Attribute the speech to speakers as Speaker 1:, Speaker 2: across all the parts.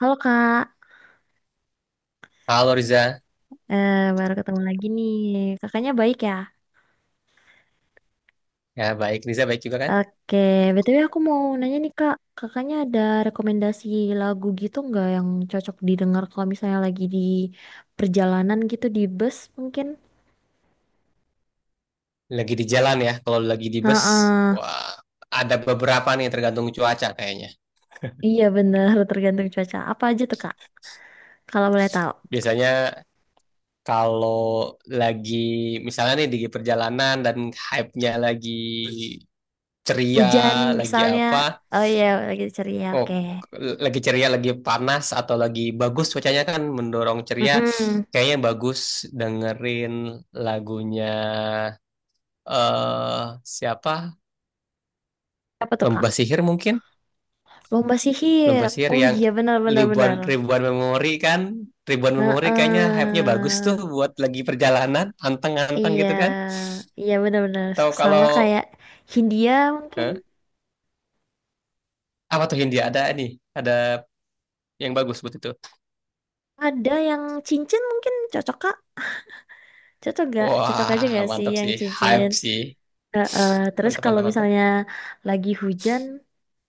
Speaker 1: Halo Kak.
Speaker 2: Halo Riza,
Speaker 1: Baru ketemu lagi nih. Kakaknya baik ya?
Speaker 2: ya baik. Riza baik juga kan?
Speaker 1: Oke. BTW aku mau nanya nih Kak, kakaknya ada rekomendasi lagu gitu nggak yang cocok didengar kalau misalnya lagi di perjalanan gitu di bus mungkin?
Speaker 2: Lagi di jalan ya, kalau lagi di bus,
Speaker 1: Heeh.
Speaker 2: wah ada beberapa nih tergantung cuaca kayaknya.
Speaker 1: Iya bener, tergantung cuaca. Apa aja tuh Kak, kalau boleh tahu?
Speaker 2: Biasanya kalau lagi misalnya nih di perjalanan dan hype-nya lagi ceria,
Speaker 1: Hujan
Speaker 2: lagi
Speaker 1: misalnya.
Speaker 2: apa,
Speaker 1: Oh iya lagi ceria,
Speaker 2: oh
Speaker 1: oke.
Speaker 2: k- lagi ceria, lagi panas atau lagi bagus cuacanya kan mendorong ceria,
Speaker 1: Mm-mm.
Speaker 2: kayaknya bagus dengerin lagunya eh siapa?
Speaker 1: Apa tuh Kak?
Speaker 2: Lomba Sihir mungkin
Speaker 1: Lomba sihir.
Speaker 2: lomba sihir
Speaker 1: Oh
Speaker 2: yang
Speaker 1: iya, benar benar benar.
Speaker 2: ribuan ribuan memori kan ribuan memori kayaknya hype-nya bagus tuh
Speaker 1: Heeh.
Speaker 2: buat lagi perjalanan anteng-anteng
Speaker 1: Iya,
Speaker 2: gitu kan,
Speaker 1: iya benar-benar
Speaker 2: atau
Speaker 1: sama
Speaker 2: kalau
Speaker 1: kayak Hindia mungkin,
Speaker 2: eh, apa tuh Hindia ada nih ada yang bagus buat itu.
Speaker 1: ada yang cincin mungkin cocok kak, cocok gak? Cocok aja
Speaker 2: Wah
Speaker 1: gak sih
Speaker 2: mantap
Speaker 1: yang
Speaker 2: sih,
Speaker 1: cincin?
Speaker 2: hype sih,
Speaker 1: Heeh. Terus
Speaker 2: mantap
Speaker 1: kalau
Speaker 2: mantap mantap.
Speaker 1: misalnya lagi hujan,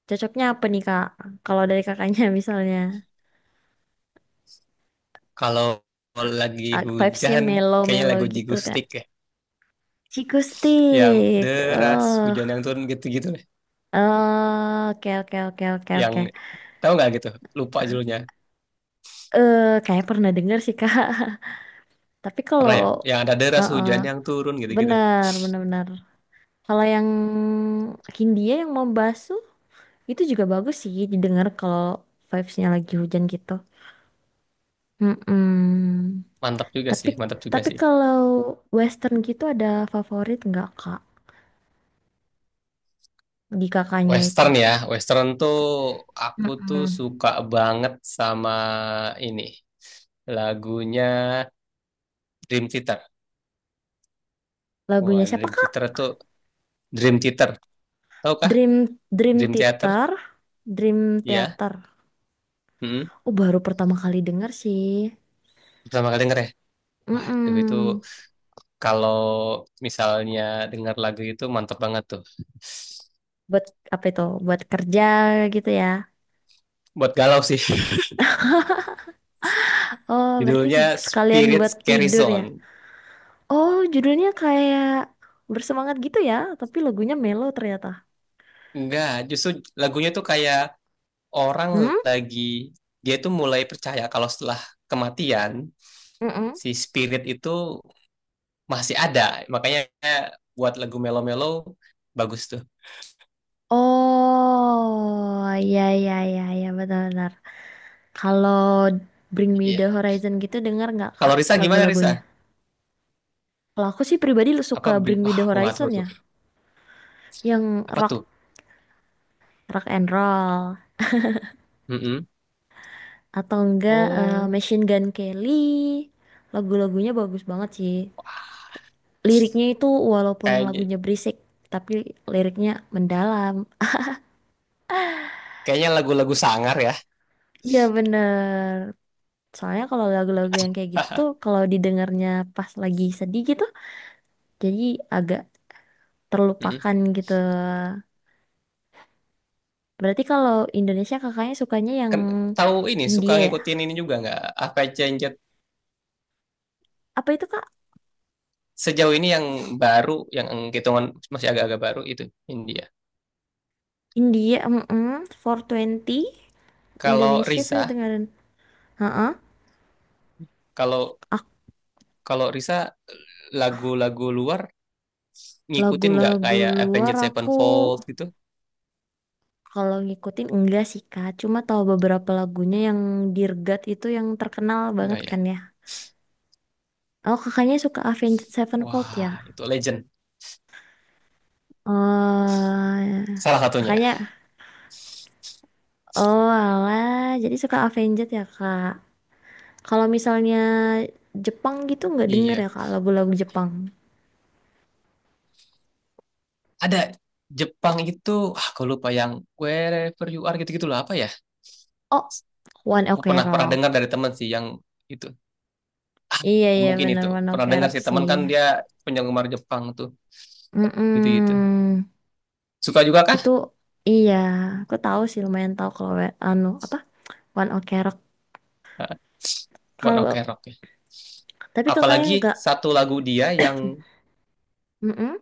Speaker 1: cocoknya apa nih kak? Kalau dari kakaknya misalnya,
Speaker 2: Kalau lagi
Speaker 1: vibes-nya
Speaker 2: hujan kayaknya
Speaker 1: mellow-mellow
Speaker 2: lagu
Speaker 1: gitu kak.
Speaker 2: Jigustik ya,
Speaker 1: Ciku
Speaker 2: yang
Speaker 1: stick.
Speaker 2: deras
Speaker 1: Oh,
Speaker 2: hujan yang turun gitu-gitu deh.
Speaker 1: oh, oke oke oke oke
Speaker 2: Yang
Speaker 1: oke.
Speaker 2: tahu nggak gitu, lupa judulnya.
Speaker 1: Kayak pernah dengar sih kak. Tapi kalau,
Speaker 2: Pernah ya yang ada deras
Speaker 1: heeh,
Speaker 2: hujan yang turun gitu-gitu.
Speaker 1: benar benar benar. Kalau yang Hindia yang mau basuh itu juga bagus sih didengar kalau vibes-nya lagi hujan gitu. Mm-mm.
Speaker 2: Mantap juga
Speaker 1: Tapi
Speaker 2: sih, mantap juga
Speaker 1: tapi
Speaker 2: sih.
Speaker 1: kalau western gitu ada favorit nggak Kak di kakaknya itu?
Speaker 2: Western ya, Western tuh aku tuh
Speaker 1: Mm-mm.
Speaker 2: suka banget sama ini lagunya Dream Theater.
Speaker 1: Lagunya
Speaker 2: Wah,
Speaker 1: siapa
Speaker 2: Dream
Speaker 1: Kak?
Speaker 2: Theater tuh, Dream Theater, tau kah?
Speaker 1: Dream Dream
Speaker 2: Dream Theater,
Speaker 1: Theater, Dream
Speaker 2: ya.
Speaker 1: Theater.
Speaker 2: Mm-mm.
Speaker 1: Oh baru pertama kali denger sih.
Speaker 2: Pertama kali denger ya. Waduh itu
Speaker 1: Mm-mm.
Speaker 2: kalau misalnya denger lagu itu mantep banget tuh.
Speaker 1: Buat apa itu? Buat kerja gitu ya.
Speaker 2: Buat galau sih.
Speaker 1: Oh berarti
Speaker 2: Judulnya
Speaker 1: sekalian
Speaker 2: Spirit
Speaker 1: buat
Speaker 2: Scary
Speaker 1: tidur ya.
Speaker 2: Zone.
Speaker 1: Oh, judulnya kayak bersemangat gitu ya, tapi lagunya mellow ternyata.
Speaker 2: Enggak, justru lagunya tuh kayak orang
Speaker 1: Hmm?
Speaker 2: lagi, dia tuh mulai percaya kalau setelah kematian
Speaker 1: Mm-mm.
Speaker 2: si spirit itu masih ada. Makanya buat lagu melo-melo bagus tuh.
Speaker 1: Oh, ya ya ya ya benar-benar. Kalau Bring Me the
Speaker 2: Iya.
Speaker 1: Horizon gitu dengar nggak
Speaker 2: Kalau
Speaker 1: Kak
Speaker 2: Risa gimana
Speaker 1: lagu-lagunya?
Speaker 2: Risa?
Speaker 1: Kalau aku sih pribadi lu
Speaker 2: Apa
Speaker 1: suka
Speaker 2: bi-
Speaker 1: Bring Me
Speaker 2: wah
Speaker 1: the
Speaker 2: aku nggak
Speaker 1: Horizon
Speaker 2: tahu
Speaker 1: ya,
Speaker 2: tuh.
Speaker 1: yang
Speaker 2: Apa
Speaker 1: rock
Speaker 2: tuh?
Speaker 1: rock and roll
Speaker 2: Mm-mm.
Speaker 1: atau enggak
Speaker 2: Oh,
Speaker 1: Machine Gun Kelly. Lagu-lagunya bagus banget sih. Liriknya itu walaupun
Speaker 2: kayaknya
Speaker 1: lagunya berisik, tapi liriknya mendalam.
Speaker 2: kayaknya lagu-lagu sangar ya.
Speaker 1: Iya bener. Soalnya kalau lagu-lagu yang kayak gitu tuh kalau didengarnya pas lagi sedih gitu jadi agak
Speaker 2: Mm-mm.
Speaker 1: terlupakan gitu. Berarti kalau Indonesia kakaknya sukanya yang
Speaker 2: Kan tahu ini, suka
Speaker 1: Hindia ya?
Speaker 2: ngikutin ini juga nggak? Apa Cenjet,
Speaker 1: Apa itu Kak?
Speaker 2: sejauh ini yang baru, yang hitungan masih agak-agak baru itu India.
Speaker 1: India mm 420.
Speaker 2: Kalau
Speaker 1: Indonesia saya
Speaker 2: Risa,
Speaker 1: dengerin.
Speaker 2: kalau
Speaker 1: Ak-
Speaker 2: kalau Risa lagu-lagu luar ngikutin nggak,
Speaker 1: Lagu-lagu
Speaker 2: kayak
Speaker 1: luar
Speaker 2: Avenged
Speaker 1: aku
Speaker 2: Sevenfold gitu?
Speaker 1: kalau ngikutin enggak sih Kak, cuma tahu beberapa lagunya yang Dirgat itu yang terkenal banget
Speaker 2: Nggak ya?
Speaker 1: kan ya. Oh kakaknya suka Avenged Sevenfold ya?
Speaker 2: Wah, itu legend.
Speaker 1: Oh,
Speaker 2: Salah satunya.
Speaker 1: kakaknya, oh alah, jadi suka Avenged ya kak. Kalau misalnya Jepang gitu nggak denger
Speaker 2: Iya.
Speaker 1: ya kak lagu-lagu Jepang.
Speaker 2: Ada Jepang itu, aku lupa yang wherever you are gitu-gitu lah, apa ya?
Speaker 1: Oh, One
Speaker 2: Aku
Speaker 1: Ok
Speaker 2: pernah pernah
Speaker 1: Rock.
Speaker 2: dengar dari teman sih yang itu.
Speaker 1: Iya iya
Speaker 2: Mungkin
Speaker 1: bener
Speaker 2: itu.
Speaker 1: One Ok
Speaker 2: Pernah dengar
Speaker 1: Rock
Speaker 2: sih,
Speaker 1: sih.
Speaker 2: teman kan dia penggemar Jepang tuh gitu-gitu.
Speaker 1: Mm-mm.
Speaker 2: Suka juga kah?
Speaker 1: Itu iya, aku tahu sih lumayan tahu kalau we- anu apa One Ok Rock.
Speaker 2: Ah, One Ok
Speaker 1: Kalau
Speaker 2: Rock ya.
Speaker 1: tapi kakaknya
Speaker 2: Apalagi
Speaker 1: nggak,
Speaker 2: satu lagu dia yang
Speaker 1: mm.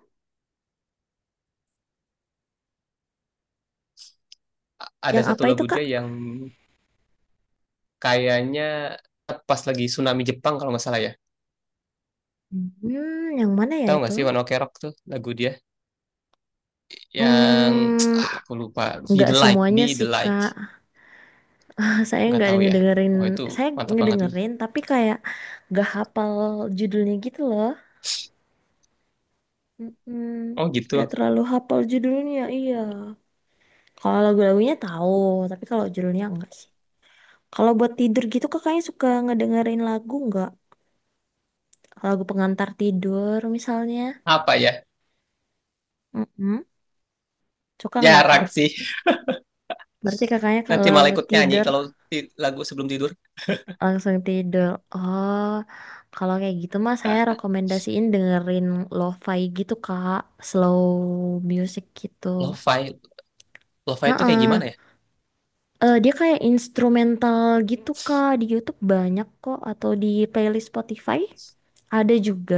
Speaker 2: ada
Speaker 1: Yang
Speaker 2: satu
Speaker 1: apa itu
Speaker 2: lagu
Speaker 1: kak?
Speaker 2: dia yang kayaknya pas lagi tsunami Jepang kalau nggak salah ya.
Speaker 1: Hmm, yang mana ya
Speaker 2: Tahu
Speaker 1: itu?
Speaker 2: nggak sih One Ok Rock tuh lagu dia? Yang
Speaker 1: Hmm,
Speaker 2: aku lupa, Be
Speaker 1: nggak
Speaker 2: the Light
Speaker 1: semuanya
Speaker 2: Be the
Speaker 1: sih
Speaker 2: Light.
Speaker 1: kak. Saya
Speaker 2: Nggak
Speaker 1: nggak ada
Speaker 2: tahu ya,
Speaker 1: ngedengerin,
Speaker 2: wah itu
Speaker 1: saya
Speaker 2: mantap banget itu.
Speaker 1: ngedengerin tapi kayak nggak hafal judulnya gitu loh. Mm-mm.
Speaker 2: Oh gitu,
Speaker 1: Nggak terlalu hafal judulnya, iya. Kalau lagu-lagunya tahu, tapi kalau judulnya enggak sih. Kalau buat tidur gitu kakaknya suka ngedengerin lagu nggak? Lagu pengantar tidur misalnya.
Speaker 2: apa ya,
Speaker 1: Mm-mm. Suka nggak kak?
Speaker 2: jarang sih.
Speaker 1: Berarti kakaknya
Speaker 2: Nanti
Speaker 1: kalau
Speaker 2: malah ikut nyanyi
Speaker 1: tidur
Speaker 2: kalau lagu sebelum tidur.
Speaker 1: langsung tidur. Oh, kalau kayak gitu mah saya rekomendasiin dengerin lo-fi gitu Kak, slow music gitu.
Speaker 2: Lo-fi lo-fi itu kayak gimana ya?
Speaker 1: Eh dia kayak instrumental gitu Kak, di YouTube banyak kok atau di playlist Spotify ada juga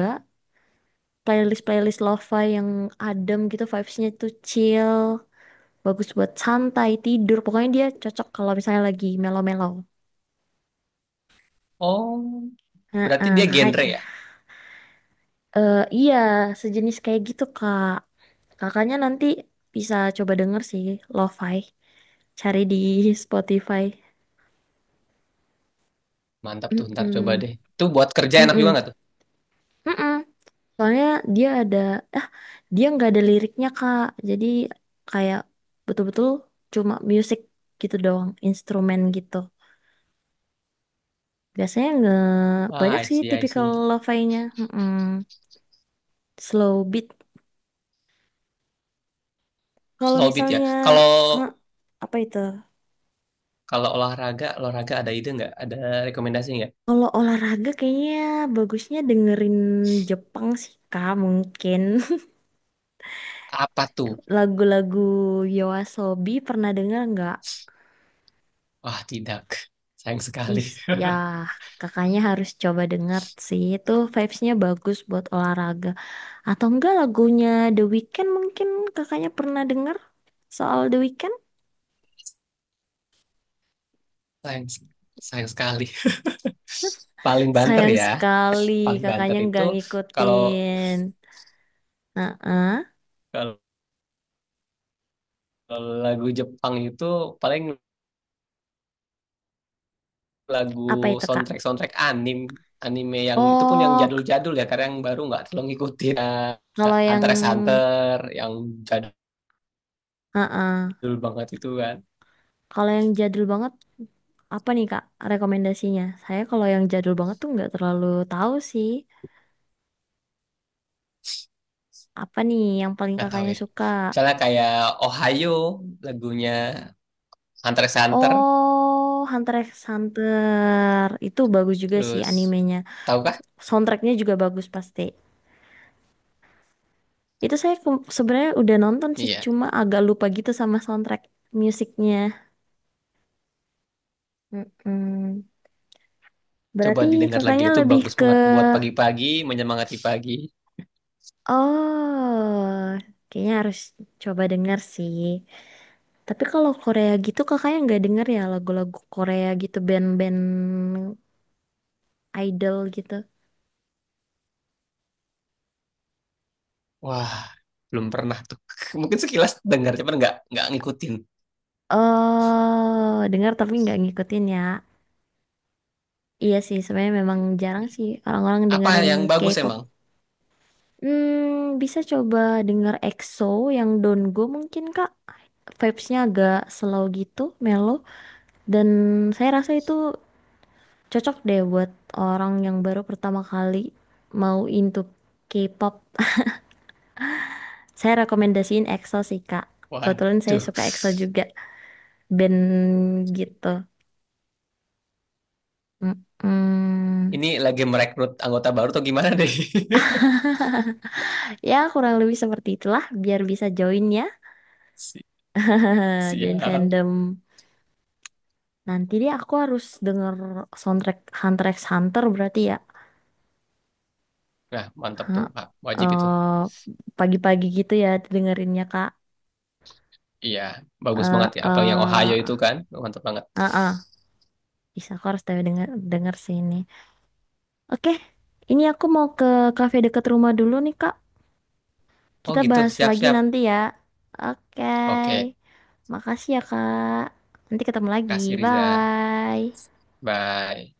Speaker 1: playlist-playlist lo-fi yang adem gitu vibes-nya tuh chill, bagus buat santai tidur. Pokoknya dia cocok kalau misalnya lagi melo-melo.
Speaker 2: Oh,
Speaker 1: Heeh,
Speaker 2: berarti dia
Speaker 1: kakak.
Speaker 2: genre ya.
Speaker 1: Iya, sejenis kayak gitu, Kak. Kakaknya nanti bisa coba denger sih, lo-fi. Cari di Spotify.
Speaker 2: Mantap tuh, ntar coba
Speaker 1: Mm-mm.
Speaker 2: deh, itu buat kerja enak juga
Speaker 1: Mm-mm.
Speaker 2: nggak tuh?
Speaker 1: Mm-mm. Soalnya dia ada, ah, dia nggak ada liriknya, Kak. Jadi kayak betul-betul cuma music gitu doang, instrumen gitu. Biasanya nggak banyak
Speaker 2: I
Speaker 1: sih
Speaker 2: see, I
Speaker 1: tipikal
Speaker 2: see.
Speaker 1: lo-fi-nya. Mm-mm. Slow beat. Kalau
Speaker 2: Slow beat ya.
Speaker 1: misalnya,
Speaker 2: kalau
Speaker 1: ah apa itu?
Speaker 2: kalau olahraga olahraga ada ide nggak, ada rekomendasi nggak,
Speaker 1: Kalau olahraga kayaknya bagusnya dengerin Jepang sih Kak mungkin.
Speaker 2: apa tuh?
Speaker 1: Lagu-lagu Yoasobi pernah denger nggak?
Speaker 2: Wah tidak, sayang sekali.
Speaker 1: Is ya, kakaknya harus coba denger sih itu vibes-nya bagus buat olahraga. Atau enggak lagunya The Weeknd mungkin kakaknya pernah denger soal The Weeknd?
Speaker 2: sayang sayang sekali Paling banter
Speaker 1: Sayang
Speaker 2: ya,
Speaker 1: sekali
Speaker 2: paling banter
Speaker 1: kakaknya
Speaker 2: itu
Speaker 1: nggak
Speaker 2: kalau,
Speaker 1: ngikutin. Heeh.
Speaker 2: kalau lagu Jepang itu paling
Speaker 1: Apa
Speaker 2: lagu
Speaker 1: itu Kak?
Speaker 2: soundtrack soundtrack anime, anime yang itu pun yang
Speaker 1: Oh k-
Speaker 2: jadul-jadul ya, karena yang baru nggak terlalu ngikutin. Eh,
Speaker 1: Kalau yang
Speaker 2: Hunter x Hunter yang jadul
Speaker 1: heeh.
Speaker 2: banget itu kan.
Speaker 1: Kalau yang jadul banget, apa nih Kak rekomendasinya? Saya kalau yang jadul banget tuh nggak terlalu tahu sih. Apa nih yang paling
Speaker 2: Nggak tahu
Speaker 1: kakaknya
Speaker 2: ya,
Speaker 1: suka?
Speaker 2: misalnya kayak Ohio lagunya Hunter x Hunter,
Speaker 1: Oh, Hunter x Hunter. Itu bagus juga sih
Speaker 2: terus
Speaker 1: animenya.
Speaker 2: tahukah,
Speaker 1: Soundtracknya juga bagus pasti. Itu saya sebenarnya udah nonton sih,
Speaker 2: iya,
Speaker 1: cuma agak lupa gitu sama soundtrack musiknya. Mm-mm.
Speaker 2: coba
Speaker 1: Berarti
Speaker 2: didengar lagi,
Speaker 1: kakaknya
Speaker 2: itu
Speaker 1: lebih
Speaker 2: bagus
Speaker 1: ke...
Speaker 2: banget buat pagi-pagi menyemangati pagi.
Speaker 1: Oh, kayaknya harus coba denger sih. Tapi kalau Korea gitu kakaknya nggak denger ya lagu-lagu Korea gitu band-band idol gitu.
Speaker 2: Wah, belum pernah tuh. Mungkin sekilas dengar, cuman nggak ngikutin.
Speaker 1: Oh, dengar tapi nggak ngikutin ya. Iya sih, sebenarnya memang jarang sih orang-orang
Speaker 2: Apa
Speaker 1: dengerin
Speaker 2: yang bagus
Speaker 1: K-pop.
Speaker 2: emang?
Speaker 1: Hmm, bisa coba denger EXO yang Don't Go mungkin Kak. Vibes-nya agak slow gitu, mellow. Dan saya rasa itu cocok deh buat orang yang baru pertama kali mau into K-pop. Saya rekomendasiin EXO sih, Kak. Kebetulan saya
Speaker 2: Waduh,
Speaker 1: suka EXO juga, band gitu. Mm-mm.
Speaker 2: ini lagi merekrut anggota baru atau gimana deh?
Speaker 1: Ya, kurang lebih seperti itulah, biar bisa join ya.
Speaker 2: Si-
Speaker 1: Join
Speaker 2: Siap.
Speaker 1: fandom. Nanti deh aku harus denger soundtrack Hunter x Hunter berarti ya.
Speaker 2: Nah, mantap tuh. Pak. Wajib itu.
Speaker 1: Eh, Pagi-pagi gitu ya dengerinnya, Kak.
Speaker 2: Iya, bagus
Speaker 1: Eh,
Speaker 2: banget ya. Apa yang Ohio itu
Speaker 1: eh,
Speaker 2: kan? Mantap banget.
Speaker 1: eh, eh. Bisa, aku harus denger sini. Oke, ini aku mau ke kafe deket rumah dulu nih, Kak.
Speaker 2: Oh
Speaker 1: Kita
Speaker 2: gitu,
Speaker 1: bahas lagi
Speaker 2: siap-siap.
Speaker 1: nanti ya.
Speaker 2: Oke,
Speaker 1: Oke. Makasih ya, Kak. Nanti ketemu lagi.
Speaker 2: kasih Riza.
Speaker 1: Bye.
Speaker 2: Bye.